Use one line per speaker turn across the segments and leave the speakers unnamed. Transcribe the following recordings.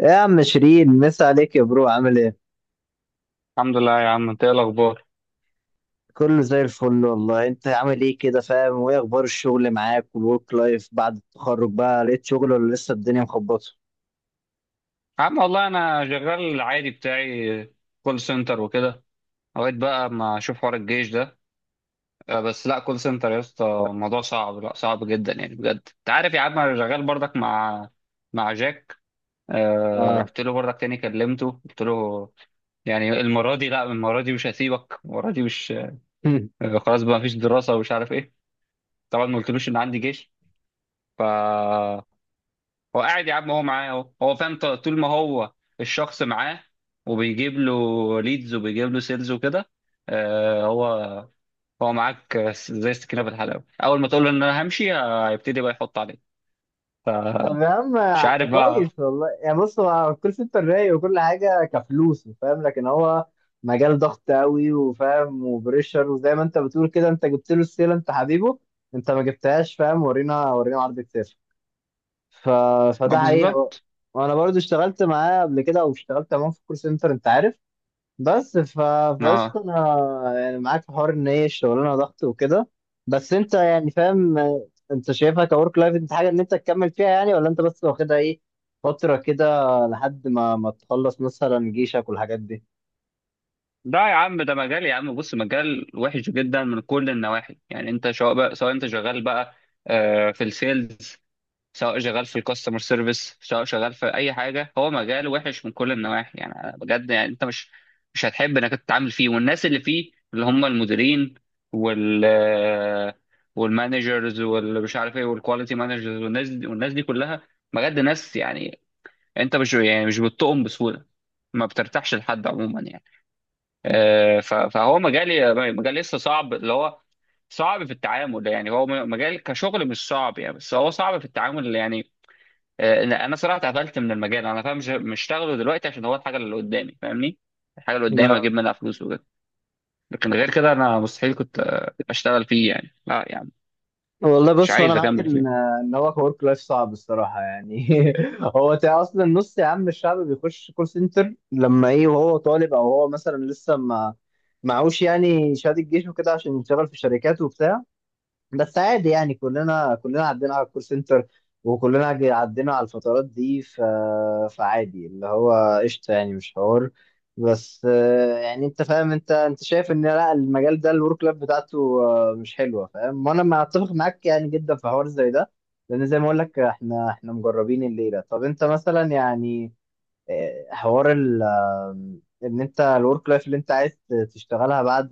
إيه يا عم شيرين، مسا عليك يا برو، عامل ايه؟
الحمد لله يا عم، انت ايه الاخبار؟
كله زي الفل والله. انت عامل ايه كده، فاهم؟ وايه اخبار الشغل معاك والورك لايف؟ بعد التخرج بقى لقيت شغل ولا لسه الدنيا مخبطه؟
يا عم والله انا شغال العادي بتاعي. كول سنتر وكده. لغايه بقى ما اشوف حوار الجيش ده. بس لا، كول سنتر يا اسطى الموضوع صعب، لا صعب جدا يعني، بجد. انت عارف يا عم انا شغال برضك مع جاك.
اه.
رحت له برضك تاني، كلمته، قلت له يعني المره دي، مش هسيبك، المره دي مش... خلاص بقى، مفيش دراسه ومش عارف ايه. طبعا ما قلتلوش ان عندي جيش. ف هو قاعد يا عم، هو معاه اهو، هو فاهم. طول ما هو الشخص معاه، وبيجيب له ليدز وبيجيب له سيلز وكده. آه هو هو معاك زي السكينه في الحلاوه. اول ما تقول له ان انا همشي، هيبتدي بقى يحط عليك.
طب يا
فمش
عم،
عارف بقى.
كويس والله. يعني بص، هو الكول سنتر رايق وكل حاجه كفلوس فاهم، لكن هو مجال ضغط قوي وفاهم وبريشر. وزي ما انت بتقول كده، انت جبت له السيله، انت حبيبه، انت ما جبتهاش فاهم. ورينا عرض كتير. ف...
آه،
فده حقيقة بقى.
بالظبط.
وانا برضو اشتغلت معاه قبل كده، او اشتغلت معاه في كول سنتر انت عارف. بس فقسط
اه
انا يعني معاك في حوار ان هي الشغلانة ضغط وكده. بس انت يعني فاهم، انت شايفها كورك لايف، انت حاجة ان انت تكمل فيها يعني؟ ولا انت بس واخدها ايه، فترة كده لحد ما تخلص مثلا جيشك والحاجات
لا يا عم، ده مجال يا عم، بص، مجال وحش جدا من كل النواحي يعني. انت سواء بقى، سواء انت شغال بقى في السيلز، سواء شغال في الكاستمر سيرفيس، سواء شغال في اي حاجه، هو مجال وحش من كل النواحي يعني. أنا بجد يعني انت مش هتحب انك تتعامل فيه، والناس اللي فيه اللي هم المديرين وال والمانجرز، واللي مش عارف ايه، والكواليتي مانجرز، والناس دي كلها بجد ناس يعني. انت مش يعني مش بتطقم بسهوله، ما بترتاحش لحد عموما يعني. فهو مجال، مجال لسه صعب، اللي هو صعب في التعامل يعني. هو مجال كشغل مش صعب يعني، بس هو صعب في التعامل يعني. انا صراحه اتقفلت من المجال، انا فاهم. مش هشتغله دلوقتي عشان هو الحاجه اللي قدامي، فاهمني. الحاجه اللي
دي؟
قدامي اجيب منها فلوس وكده. لكن غير كده انا مستحيل كنت اشتغل فيه يعني، لا يعني،
والله
مش
بص، هو انا
عايز
معاك
اكمل
ان
فيه.
ان هو حوار لايف صعب الصراحه يعني. هو اصلا نص يا عم الشعب بيخش كول سنتر لما ايه، وهو طالب، او هو مثلا لسه ما معهوش يعني شهاده الجيش وكده عشان يشتغل في شركات وبتاع. بس عادي يعني، كلنا عدينا على الكول سنتر. وكلنا عدينا على الفترات دي. فعادي اللي هو قشطة يعني، مش حوار. بس يعني انت فاهم، انت شايف ان لا، المجال ده الورك لايف بتاعته مش حلوه فاهم. وانا ما اتفق معاك يعني جدا في حوار زي ده، لان زي ما اقول لك احنا مجربين الليله. طب انت مثلا يعني، حوار ال آه، ان انت الورك لايف اللي انت عايز تشتغلها بعد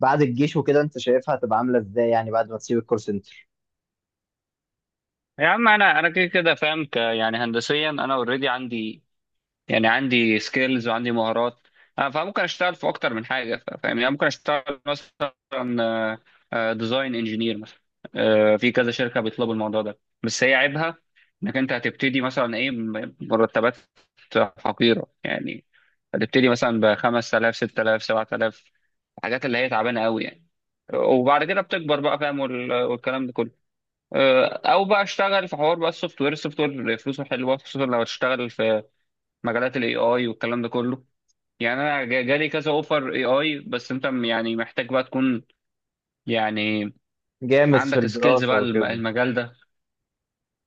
بعد الجيش وكده، انت شايفها هتبقى عامله ازاي يعني بعد ما تسيب الكول سنتر؟
يا عم انا كده كده فاهم، يعني، هندسيا انا اوريدي عندي يعني عندي سكيلز وعندي مهارات. فممكن اشتغل في اكتر من حاجه. فاهم يعني. ممكن اشتغل مثلا ديزاين انجينير مثلا. في كذا شركه بيطلبوا الموضوع ده، بس هي عيبها انك انت هتبتدي مثلا ايه، مرتبات حقيره يعني، هتبتدي مثلا ب 5000، 6000، 7000، الحاجات اللي هي تعبانه قوي يعني. وبعد كده بتكبر بقى، فاهم. والكلام ده كله. او بقى اشتغل في حوار بقى السوفت وير. السوفت وير فلوسه حلوه، خصوصا لو هتشتغل في مجالات الاي اي والكلام ده كله. يعني انا جالي كذا اوفر اي اي، بس انت يعني محتاج بقى تكون يعني
جامد في
عندك سكيلز
الدراسه
بقى.
وكده.
المجال ده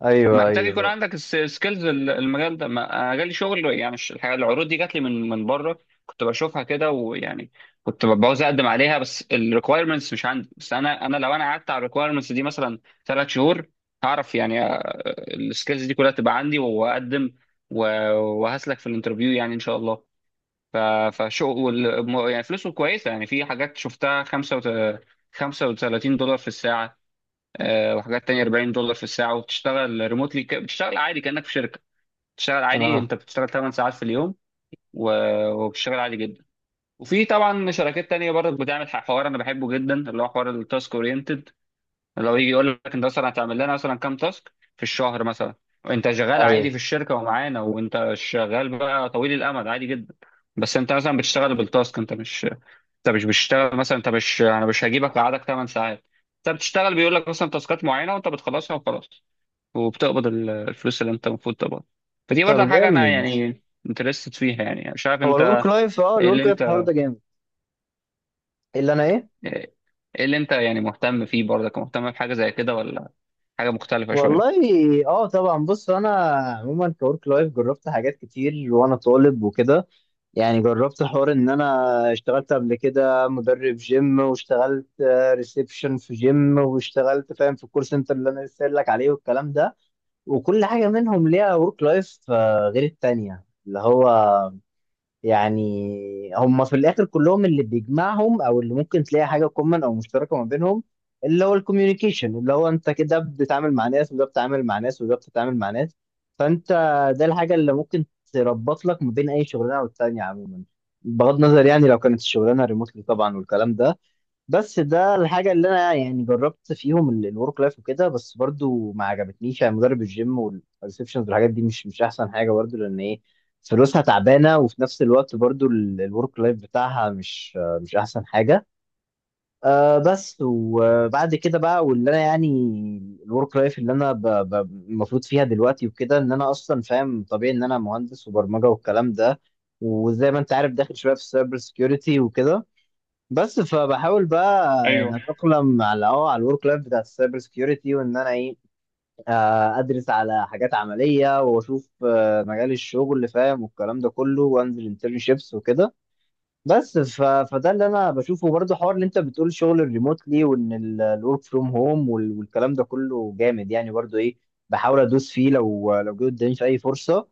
ايوه،
محتاج يكون
ايوه.
عندك سكيلز. المجال ده انا جالي شغل يعني، العروض دي جات لي من بره. كنت بشوفها كده ويعني كنت بعوز اقدم عليها، بس الريكويرمنتس مش عندي. بس انا انا لو انا قعدت على الريكويرمنتس دي مثلا 3 شهور، هعرف يعني السكيلز دي كلها تبقى عندي واقدم، و- وهسلك في الانترفيو يعني ان شاء الله. ف- فشو يعني فلوسه كويسة يعني. في حاجات شفتها $35 في الساعة، وحاجات تانية $40 في الساعة، وبتشتغل ريموتلي. بتشتغل عادي كأنك في شركة، بتشتغل عادي،
اه،
انت بتشتغل 8 ساعات في اليوم، وبتشتغل عادي جدا. وفي طبعا شركات تانية برضه بتعمل حوار انا بحبه جدا، اللي هو حوار التاسك اورينتد. اللي هو يجي يقول لك انت مثلا هتعمل لنا مثلا كام تاسك في الشهر مثلا، وانت شغال عادي
ايوه.
في الشركة ومعانا، وانت شغال بقى طويل الامد عادي جدا. بس انت مثلا بتشتغل بالتاسك، انت مش، انت مش بتشتغل مثلا، انت مش، انا مش هجيبك اقعدك 8 ساعات. انت بتشتغل، بيقول لك مثلا تاسكات معينه وانت بتخلصها وخلاص، وبتقبض الفلوس اللي انت المفروض تقبض. فدي برضه
طب
حاجه انا
جامد.
يعني انترستد فيها يعني، مش عارف
هو
انت.
الورك لايف،
ايه اللي
الورك لايف الحوار
انت
ده جامد. اللي انا ايه.
ايه اللي انت يعني مهتم فيه برضك، مهتم بحاجه زي كده ولا حاجه مختلفه
والله،
شويه؟
اه، طبعا. بص انا عموما كورك لايف جربت حاجات كتير وانا طالب وكده. يعني جربت حوار ان انا اشتغلت قبل كده مدرب جيم، واشتغلت ريسبشن في جيم، واشتغلت فاهم في الكول سنتر اللي انا لسه قايل لك عليه والكلام ده. وكل حاجة منهم ليها ورك لايف غير التانية اللي هو. يعني هم في الآخر كلهم، اللي بيجمعهم أو اللي ممكن تلاقي حاجة كومن أو مشتركة ما بينهم، اللي هو الكوميونيكيشن، اللي هو أنت كده بتتعامل مع ناس، وده بتتعامل مع ناس، وده بتتعامل مع ناس. فأنت ده الحاجة اللي ممكن تربط لك ما بين أي شغلانة والتانية عموما، بغض النظر يعني لو كانت الشغلانة ريموتلي طبعا والكلام ده. بس ده الحاجة اللي أنا يعني جربت فيهم الورك لايف وكده، بس برضو ما عجبتنيش يعني. مدرب الجيم والريسبشنز والحاجات دي مش أحسن حاجة، برضو لأن إيه، فلوسها تعبانة، وفي نفس الوقت برضو الورك لايف بتاعها مش أحسن حاجة. بس وبعد كده بقى، واللي أنا يعني الورك لايف اللي أنا ب- المفروض فيها دلوقتي وكده، إن أنا أصلا فاهم طبيعي إن أنا مهندس وبرمجة والكلام ده. وزي ما أنت عارف، داخل شوية في السايبر سكيورتي وكده. بس فبحاول بقى
ايوه
يعني اتاقلم على على الورك لايف بتاع السايبر سكيورتي، وان انا ايه. ادرس على حاجات عمليه، واشوف مجال الشغل اللي فاهم والكلام ده كله، وانزل انترنشيبس وكده. بس فده اللي انا بشوفه برضه. حوار اللي انت بتقول شغل الريموتلي، وان الورك فروم هوم والكلام ده كله جامد يعني برضه ايه. بحاول ادوس فيه لو جه قدامي في اي فرصه.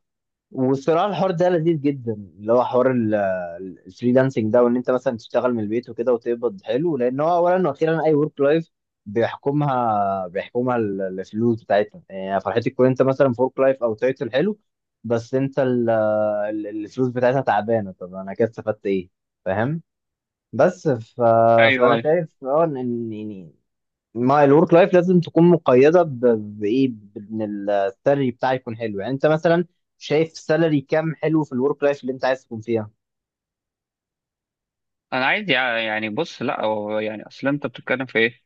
والصراحه الحوار ده لذيذ جدا، اللي هو حوار الفريلانسنج ده، وان انت مثلا تشتغل من البيت وكده وتقبض حلو، لان هو اولا واخيرا اي ورك لايف بيحكمها الفلوس بتاعتها يعني. فرحتي تكون انت مثلا في ورك لايف او تايتل حلو، بس انت الفلوس بتاعتها تعبانه، طب انا كده استفدت ايه فاهم؟ بس فانا
ايوه،
شايف ان، يعني ما الورك لايف لازم تكون مقيده بايه، بان السالري بتاعي يكون حلو. يعني انت مثلا شايف سالري كام حلو في الورك لايف اللي انت عايز تكون فيها؟
انا عايز يعني، بص، لا، هو يعني، اصل انت بتتكلم في ايه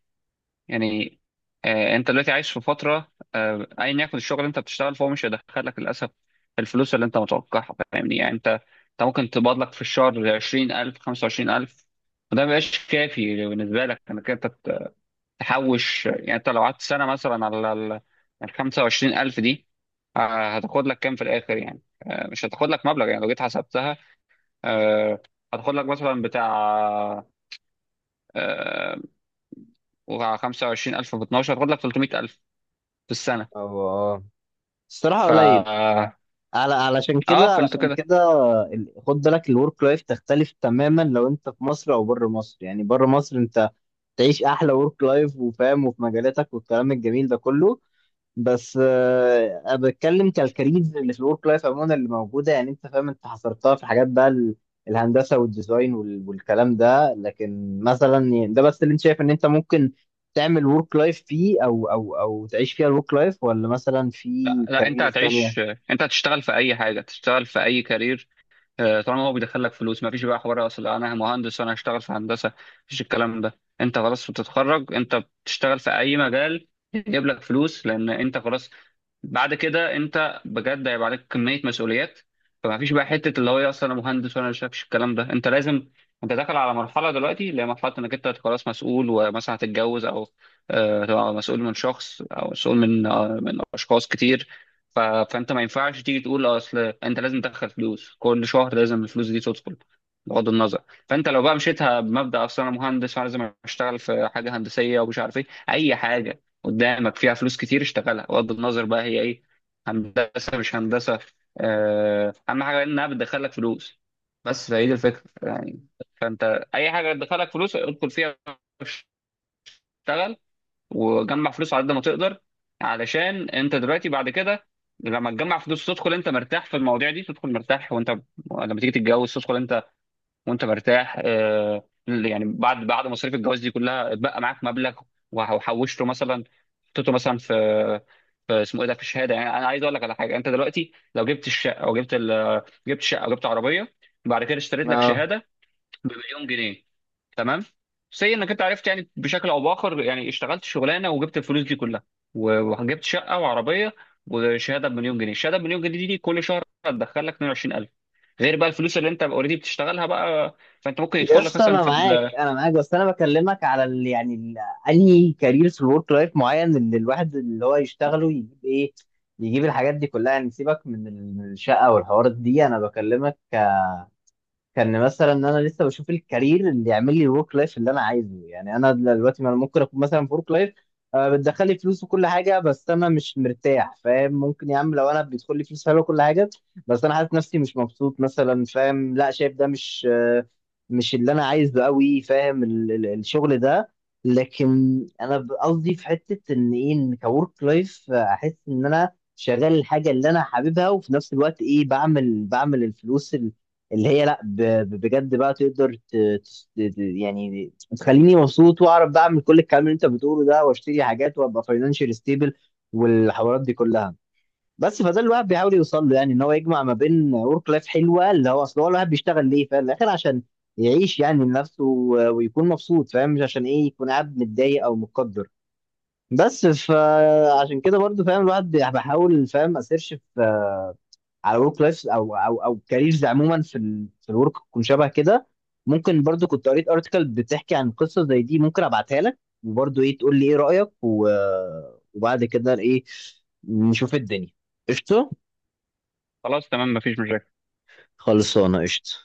يعني؟ انت دلوقتي عايش في فتره، ايا يكن الشغل اللي انت بتشتغل، فهو مش هيدخلك للاسف الفلوس اللي انت متوقعها، فاهمني يعني. انت ممكن تقبض لك في الشهر 20000، 25000، وده ما بيبقاش كافي بالنسبه لك انك انت تحوش يعني. انت لو قعدت سنه مثلا على ال 25000 دي، هتاخد لك كام في الاخر يعني. مش هتاخد لك مبلغ يعني، لو جيت حسبتها، آه، هتاخد لك مثلا بتاع آه، وع- 25000 في 12 هتاخد لك 300000 في السنه.
أو الصراحه
ف
قليل. على
اه فانتوا
علشان
كده.
كده خد بالك الورك لايف تختلف تماما لو انت في مصر او بره مصر. يعني بره مصر انت تعيش احلى ورك لايف وفاهم وفي مجالاتك والكلام الجميل ده كله. بس انا بتكلم كالكاريرز اللي في الورك لايف عموما اللي موجوده. يعني انت فاهم، انت حصرتها في حاجات بقى، الهندسه والديزاين والكلام ده، لكن مثلا يعني ده بس اللي انت شايف ان انت ممكن تعمل ورك لايف فيه، او تعيش فيها الورك لايف، ولا مثلا
لا
في
لا، انت
كاريرز تانية؟
هتعيش، انت هتشتغل في اي حاجه، تشتغل في اي كارير. طالما هو بيدخل لك فلوس، ما فيش بقى حوار اصل انا مهندس وانا هشتغل في هندسه. مفيش الكلام ده. انت خلاص بتتخرج، انت بتشتغل في اي مجال يجيب لك فلوس، لان انت خلاص بعد كده انت بجد هيبقى عليك كميه مسؤوليات. فما فيش بقى حته اللي هو ايه، اصل انا مهندس وانا مش شافش الكلام ده. انت لازم، انت داخل على مرحله دلوقتي، اللي هي مرحله انك انت خلاص مسؤول، ومثلا هتتجوز او تبقى مسؤول من شخص او مسؤول من من اشخاص كتير. فانت ما ينفعش تيجي تقول اصل انت لازم تدخل فلوس، كل شهر لازم الفلوس دي تدخل بغض النظر. فانت لو بقى مشيتها بمبدأ اصل انا مهندس، فانا لازم اشتغل في حاجه هندسيه، ومش عارف ايه، اي حاجه قدامك فيها فلوس كتير اشتغلها بغض النظر بقى هي ايه، هندسه مش هندسه. اهم حاجه انها بتدخلك فلوس. بس فهي دي الفكره يعني، اي حاجه بتدخلك فلوس ادخل فيها، اشتغل وجمع فلوس على قد ما تقدر، علشان انت دلوقتي بعد كده لما تجمع فلوس تدخل انت مرتاح في المواضيع دي، تدخل مرتاح. وانت لما تيجي تتجوز تدخل انت وانت مرتاح. يعني بعد مصاريف الجواز دي كلها اتبقى معاك مبلغ وحوشته مثلا، حطيته مثلا في، في اسمه ايه ده، في الشهاده. يعني انا عايز اقول لك على حاجه: انت دلوقتي لو جبت الشقه او جبت شقه او جبت عربيه، بعد كده اشتريت لك شهاده بمليون جنيه، تمام. سي انك انت عرفت يعني بشكل او باخر يعني اشتغلت شغلانه وجبت الفلوس دي كلها، وجبت شقه وعربيه وشهاده بمليون جنيه. الشهاده بمليون جنيه دي كل شهر هتدخل لك 22000، غير بقى الفلوس اللي انت اوريدي بتشتغلها بقى. فانت ممكن
يا
يدخل لك
اسطى
مثلا
انا
في
معاك، انا معاك. بس انا بكلمك على ال يعني ال انهي كارير في الورك لايف معين اللي الواحد اللي هو يشتغله يجيب ايه، يجيب الحاجات دي كلها. يعني سيبك من من الشقه والحوارات دي. انا بكلمك كان مثلا ان انا لسه بشوف الكارير اللي يعمل لي الورك لايف اللي انا عايزه. يعني انا دلوقتي، ما انا ممكن اكون مثلا في ورك لايف بتدخل لي فلوس وكل حاجه، بس انا مش مرتاح فاهم. ممكن يا عم لو انا بيدخل لي فلوس حلوه وكل حاجه، بس انا حاسس نفسي مش مبسوط مثلا فاهم. لا، شايف ده مش، مش اللي انا عايزه قوي فاهم، الشغل ده. لكن انا قصدي في حته ان ايه، ان كورك لايف احس ان انا شغال الحاجه اللي انا حاببها، وفي نفس الوقت ايه، بعمل الفلوس اللي هي لا بجد بقى تقدر يعني تخليني مبسوط، واعرف بقى اعمل كل الكلام اللي انت بتقوله ده، واشتري حاجات، وابقى فاينانشال ستيبل، والحوارات دي كلها. بس فده اللي الواحد بيحاول يوصل له، يعني ان هو يجمع ما بين ورك لايف حلوه، اللي هو اصل هو الواحد بيشتغل ليه في الاخر عشان يعيش يعني لنفسه، ويكون مبسوط فاهم، مش عشان ايه يكون قاعد متضايق او متقدر. بس فعشان كده برضو فاهم، الواحد بيحاول فاهم اسيرش على ورك لايف، او كاريرز عموما في في الورك تكون شبه كده. ممكن برضو كنت قريت ارتكل بتحكي عن قصه زي دي، ممكن ابعتها لك، وبرضو ايه تقول لي ايه رايك وبعد كده ايه، نشوف الدنيا. قشطه.
خلاص تمام، مفيش مشاكل.
خلصانه قشطه.